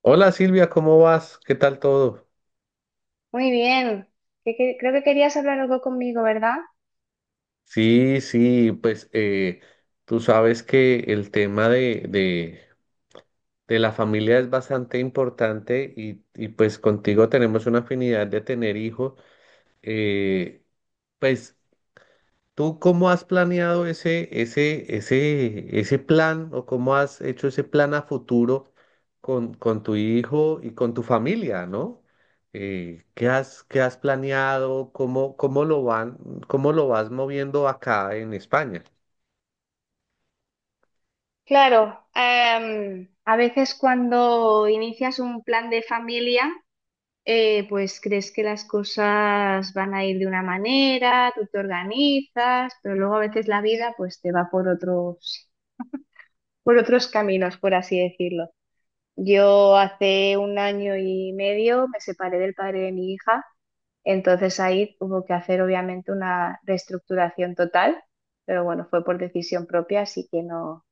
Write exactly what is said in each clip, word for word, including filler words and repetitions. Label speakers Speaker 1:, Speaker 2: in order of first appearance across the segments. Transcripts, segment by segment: Speaker 1: Hola Silvia, ¿cómo vas? ¿Qué tal todo?
Speaker 2: Muy bien. Que- que- creo que querías hablar algo conmigo, ¿verdad?
Speaker 1: Sí, sí, pues eh, tú sabes que el tema de, de, de la familia es bastante importante y, y pues contigo tenemos una afinidad de tener hijos. Eh, pues ¿tú cómo has planeado ese, ese, ese, ese plan o cómo has hecho ese plan a futuro con, con tu hijo y con tu familia, ¿no? Eh, ¿qué has, qué has planeado? ¿Cómo, cómo lo van, cómo lo vas moviendo acá en España?
Speaker 2: Claro, em, a veces cuando inicias un plan de familia, eh, pues crees que las cosas van a ir de una manera, tú te organizas, pero luego a veces la vida pues te va por otros, por otros caminos, por así decirlo. Yo hace un año y medio me separé del padre de mi hija. Entonces ahí hubo que hacer obviamente una reestructuración total, pero bueno, fue por decisión propia, así que no,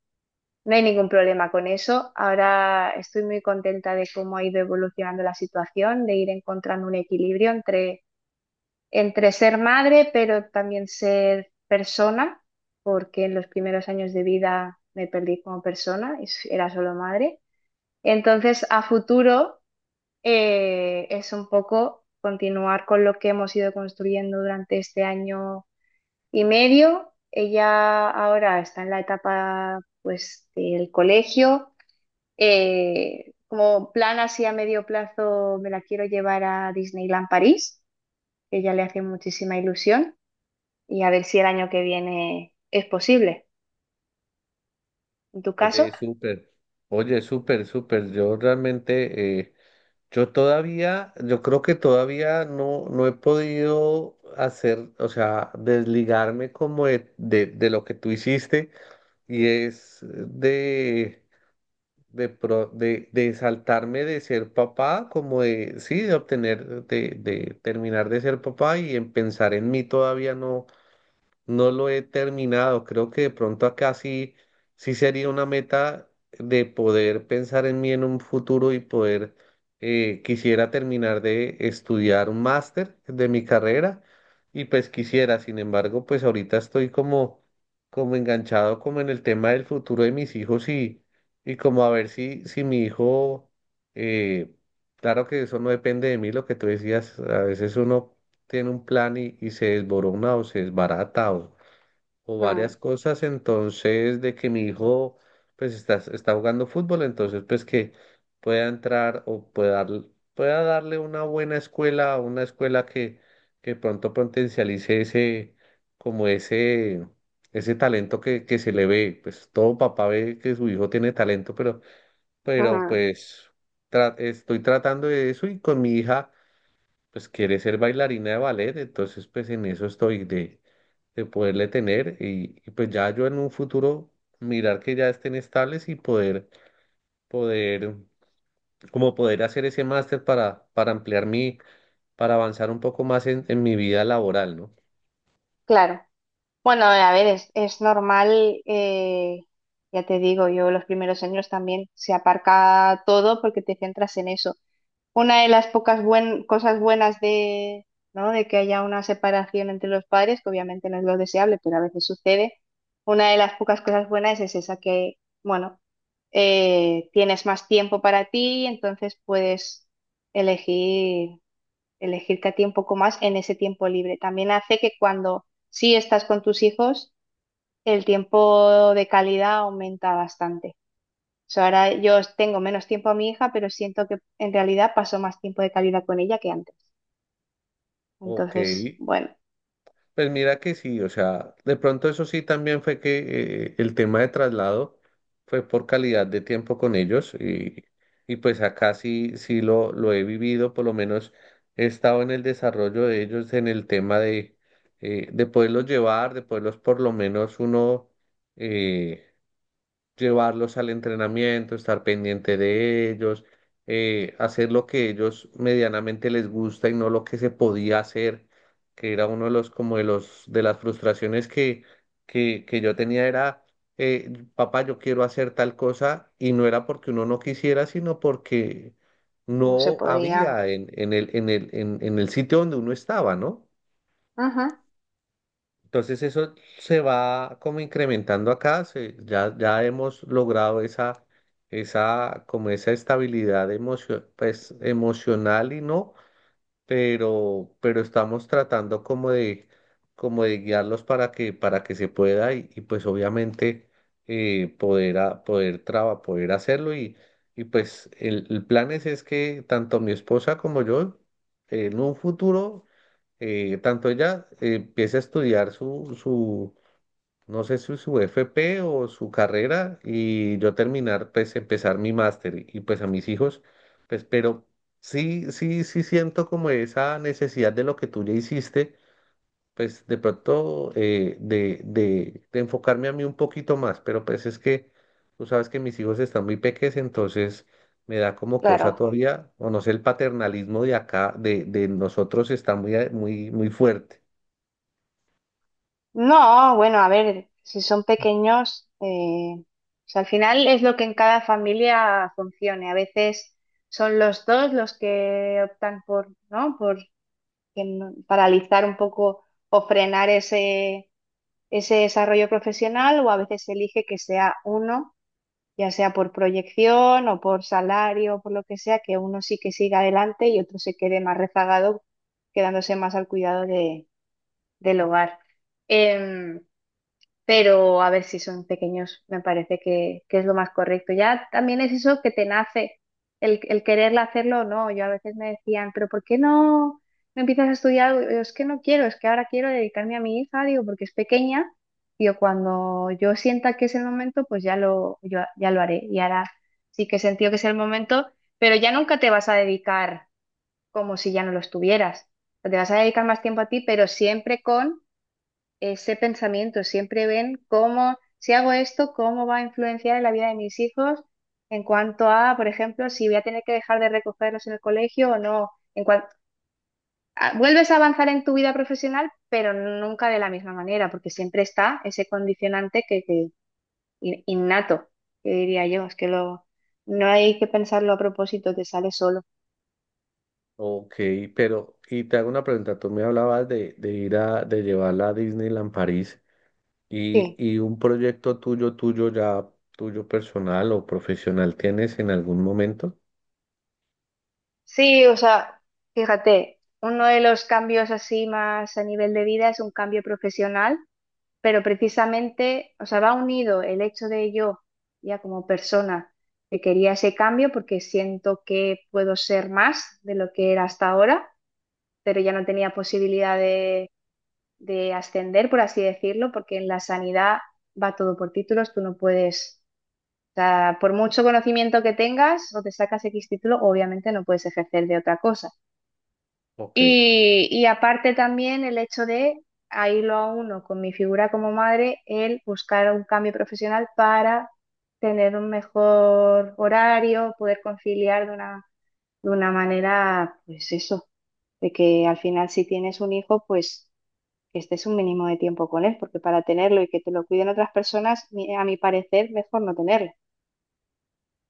Speaker 2: no hay ningún problema con eso. Ahora estoy muy contenta de cómo ha ido evolucionando la situación, de ir encontrando un equilibrio entre, entre ser madre, pero también ser persona, porque en los primeros años de vida me perdí como persona, y era solo madre. Entonces, a futuro eh, es un poco continuar con lo que hemos ido construyendo durante este año y medio. Ella ahora está en la etapa, pues, del colegio. Eh, como plan así a medio plazo, me la quiero llevar a Disneyland París, que ella le hace muchísima ilusión, y a ver si el año que viene es posible. ¿En tu caso?
Speaker 1: Oye, súper, oye, súper, súper. Yo realmente, eh, yo todavía, yo creo que todavía no, no he podido hacer, o sea, desligarme como de, de de lo que tú hiciste y es de, de, pro- de, de saltarme de ser papá, como de, sí, de obtener, de, de terminar de ser papá y en pensar en mí todavía no. No lo he terminado. Creo que de pronto acá sí, sí sería una meta de poder pensar en mí en un futuro y poder, eh, quisiera terminar de estudiar un máster de mi carrera y pues quisiera, sin embargo, pues ahorita estoy como, como enganchado como en el tema del futuro de mis hijos y, y como a ver si, si mi hijo, eh, claro que eso no depende de mí, lo que tú decías, a veces uno tiene un plan y, y se desborona o se desbarata o, o varias
Speaker 2: Mm.
Speaker 1: cosas, entonces de que mi hijo pues está, está jugando fútbol, entonces pues que pueda entrar o pueda, dar- pueda darle una buena escuela, una escuela que, que pronto potencialice ese, como ese, ese talento que, que se le ve, pues todo papá ve que su hijo tiene talento, pero, pero
Speaker 2: Ujú.
Speaker 1: pues tra- estoy tratando de eso y con mi hija pues quiere ser bailarina de ballet, entonces pues en eso estoy de, de poderle tener y, y, pues ya yo en un futuro mirar que ya estén estables y poder, poder, como poder hacer ese máster para, para ampliar mi, para avanzar un poco más en, en mi vida laboral, ¿no?
Speaker 2: Claro. Bueno, a ver, es, es normal, eh, ya te digo, yo los primeros años también se aparca todo porque te centras en eso. Una de las pocas buen- cosas buenas de, ¿no?, de que haya una separación entre los padres, que obviamente no es lo deseable, pero a veces sucede, una de las pocas cosas buenas es esa que, bueno, eh, tienes más tiempo para ti, entonces puedes elegir, elegirte a ti un poco más en ese tiempo libre. También hace que cuando sí estás con tus hijos, el tiempo de calidad aumenta bastante. O sea, ahora yo tengo menos tiempo a mi hija, pero siento que en realidad paso más tiempo de calidad con ella que antes.
Speaker 1: Ok,
Speaker 2: Entonces, bueno,
Speaker 1: pues mira que sí, o sea, de pronto eso sí también fue que eh, el tema de traslado fue por calidad de tiempo con ellos y, y pues acá sí, sí lo, lo he vivido, por lo menos he estado en el desarrollo de ellos en el tema de, eh, de poderlos llevar, de poderlos por lo menos uno... eh, llevarlos al entrenamiento, estar pendiente de ellos, eh, hacer lo que ellos medianamente les gusta y no lo que se podía hacer, que era uno de los, como de los, de las frustraciones que, que, que yo tenía era, eh, papá, yo quiero hacer tal cosa y no era porque uno no quisiera, sino porque
Speaker 2: no se
Speaker 1: no
Speaker 2: podía.
Speaker 1: había en, en el, en el, en en el sitio donde uno estaba, ¿no?
Speaker 2: Ajá,
Speaker 1: Entonces eso se va como incrementando acá, se- ya, ya hemos logrado esa, esa, como esa estabilidad emocio- pues, emocional y no pero, pero estamos tratando como de, como de guiarlos para que, para que se pueda y, y pues obviamente eh, poder, a- poder, traba, poder hacerlo y, y pues el, el plan es, es que tanto mi esposa como yo en un futuro, eh, tanto ella eh, empiece a estudiar su, su, no sé si su F P o su carrera y yo terminar, pues empezar mi máster y pues a mis hijos, pues pero sí, sí, sí siento como esa necesidad de lo que tú ya hiciste, pues de pronto eh, de, de, de enfocarme a mí un poquito más, pero pues es que tú sabes que mis hijos están muy pequeños, entonces me da como cosa
Speaker 2: claro.
Speaker 1: todavía, o no sé, el paternalismo de acá, de, de nosotros está muy, muy, muy fuerte.
Speaker 2: No, bueno, a ver, si son pequeños, eh, o sea, al final es lo que en cada familia funcione. A veces son los dos los que optan por, ¿no?, por que no- paralizar un poco o frenar ese ese desarrollo profesional, o a veces se elige que sea uno, ya sea por proyección o por salario o por lo que sea, que uno sí que siga adelante y otro se quede más rezagado, quedándose más al cuidado de- del hogar. Em, pero a ver, si son pequeños, me parece que, que es lo más correcto. Ya también es eso que te nace, el, el quererla hacerlo o no. Yo a veces me decían, pero ¿por qué no, no empiezas a estudiar algo? Y Yo, es que no quiero, es que ahora quiero dedicarme a mi hija, digo, porque es pequeña. Digo, cuando yo sienta que es el momento, pues ya lo, yo, ya lo haré. Y ahora sí que he sentido que es el momento, pero ya nunca te vas a dedicar como si ya no lo estuvieras. Te vas a dedicar más tiempo a ti, pero siempre con ese pensamiento, siempre ven cómo, si hago esto, cómo va a influenciar en la vida de mis hijos en cuanto a, por ejemplo, si voy a tener que dejar de recogerlos en el colegio o no. En cuan- a- vuelves a avanzar en tu vida profesional, pero nunca de la misma manera, porque siempre está ese condicionante que, que in- innato, que diría yo, es que lo, no hay que pensarlo a propósito, te sale solo.
Speaker 1: Ok, pero, y te hago una pregunta, tú me hablabas de, de ir a, de llevarla a Disneyland París y,
Speaker 2: Sí,
Speaker 1: y un proyecto tuyo, tuyo ya, tuyo personal o profesional, ¿tienes en algún momento?
Speaker 2: sí, o sea, fíjate, uno de los cambios así más a nivel de vida es un cambio profesional, pero precisamente, o sea, va unido el hecho de yo, ya como persona, que quería ese cambio porque siento que puedo ser más de lo que era hasta ahora, pero ya no tenía posibilidad de, de ascender, por así decirlo, porque en la sanidad va todo por títulos, tú no puedes, o sea, por mucho conocimiento que tengas o te sacas X título, obviamente no puedes ejercer de otra cosa.
Speaker 1: Ok,
Speaker 2: Y, y aparte también el hecho de, ahí lo uno con mi figura como madre, el buscar un cambio profesional para tener un mejor horario, poder conciliar de una, de una manera, pues eso, de que al final si tienes un hijo, pues que estés un mínimo de tiempo con él, porque para tenerlo y que te lo cuiden otras personas, mi- a mi parecer, mejor no tenerlo.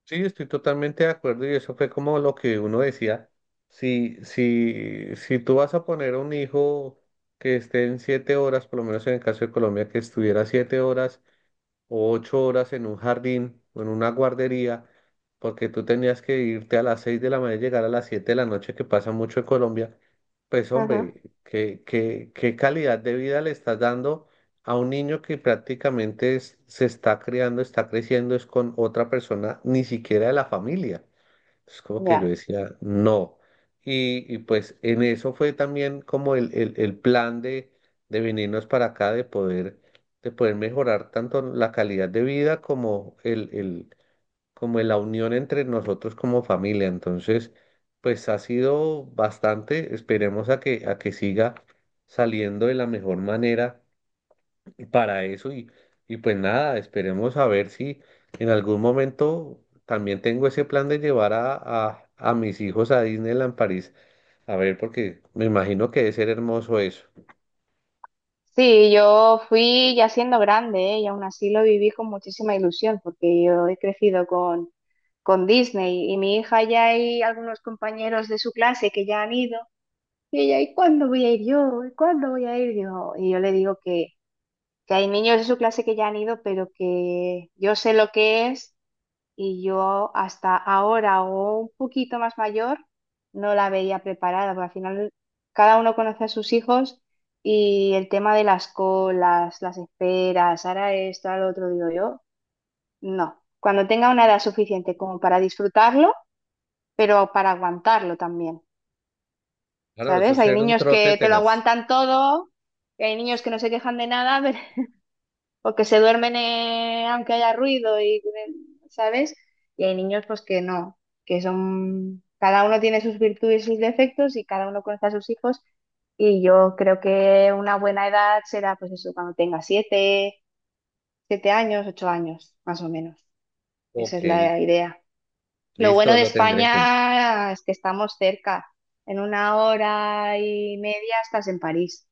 Speaker 1: sí, estoy totalmente de acuerdo y eso fue como lo que uno decía, si, si, si tú vas a poner a un hijo que esté en siete horas, por lo menos en el caso de Colombia, que estuviera siete horas o ocho horas en un jardín o en una guardería, porque tú tenías que irte a las seis de la mañana y llegar a las siete de la noche, que pasa mucho en Colombia, pues
Speaker 2: Ujú.
Speaker 1: hombre, ¿qué, qué, qué calidad de vida le estás dando a un niño que prácticamente es- se está criando, está creciendo, es con otra persona, ni siquiera de la familia? Es como que yo
Speaker 2: Ya.
Speaker 1: decía, no. Y, y pues en eso fue también como el, el, el plan de, de venirnos para acá, de poder, de poder mejorar tanto la calidad de vida como el, el, como la unión entre nosotros como familia. Entonces, pues ha sido bastante, esperemos a que, a que siga saliendo de la mejor manera para eso y, y pues nada, esperemos a ver si en algún momento también tengo ese plan de llevar a, a, a mis hijos a Disneyland París, a ver, porque me imagino que debe ser hermoso eso.
Speaker 2: Sí, yo fui ya siendo grande, ¿eh? Y aún así lo viví con muchísima ilusión, porque yo he crecido con, con Disney, y mi hija ya hay algunos compañeros de su clase que ya han ido, y ella, ¿y cuándo voy a ir yo? ¿Y cuándo voy a ir yo? Y yo le digo que, que hay niños de su clase que ya han ido, pero que yo sé lo que es y yo hasta ahora o un poquito más mayor no la veía preparada, porque al final cada uno conoce a sus hijos y el tema de las colas, las esperas, ahora esto, ahora lo otro, digo yo, no. Cuando tenga una edad suficiente como para disfrutarlo, pero para aguantarlo también,
Speaker 1: Claro, eso
Speaker 2: ¿sabes?
Speaker 1: es
Speaker 2: Hay
Speaker 1: ser un
Speaker 2: niños
Speaker 1: trote
Speaker 2: que te lo
Speaker 1: tenaz.
Speaker 2: aguantan todo, y hay niños que no se quejan de nada, pero o que se duermen eh, aunque haya ruido y, ¿sabes? Y hay niños pues que no, que son, cada uno tiene sus virtudes y sus defectos y cada uno conoce a sus hijos y yo creo que una buena edad será pues eso, cuando tenga siete, siete años, ocho años, más o menos. Esa
Speaker 1: Ok,
Speaker 2: es la idea. Lo bueno
Speaker 1: listo,
Speaker 2: de
Speaker 1: lo tendré en cuenta.
Speaker 2: España es que estamos cerca. En una hora y media estás en París.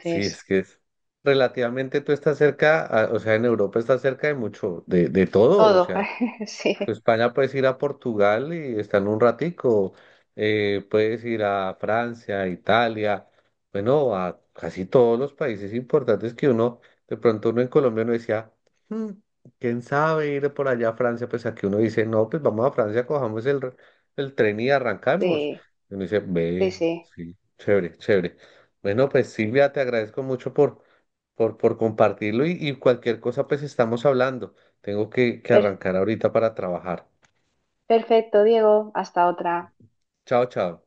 Speaker 1: Sí, es que es relativamente tú estás cerca, a- o sea, en Europa estás cerca de mucho, de, de todo, o
Speaker 2: todo.
Speaker 1: sea.
Speaker 2: Sí,
Speaker 1: España puedes ir a Portugal y estar un ratico, eh, puedes ir a Francia, Italia, bueno, a casi todos los países importantes que uno, de pronto uno en Colombia no decía, "Hmm, quién sabe ir por allá a Francia, pues aquí uno dice, no, pues vamos a Francia, cojamos el, r- el tren y arrancamos.
Speaker 2: sí,
Speaker 1: Y uno dice,
Speaker 2: sí,
Speaker 1: ve,
Speaker 2: sí.
Speaker 1: sí, chévere, chévere. Bueno, pues Silvia, te agradezco mucho por, por, por compartirlo y, y cualquier cosa, pues estamos hablando. Tengo que, que
Speaker 2: Pero-
Speaker 1: arrancar ahorita para trabajar.
Speaker 2: Perfecto, Diego. Hasta otra.
Speaker 1: Chao, chao.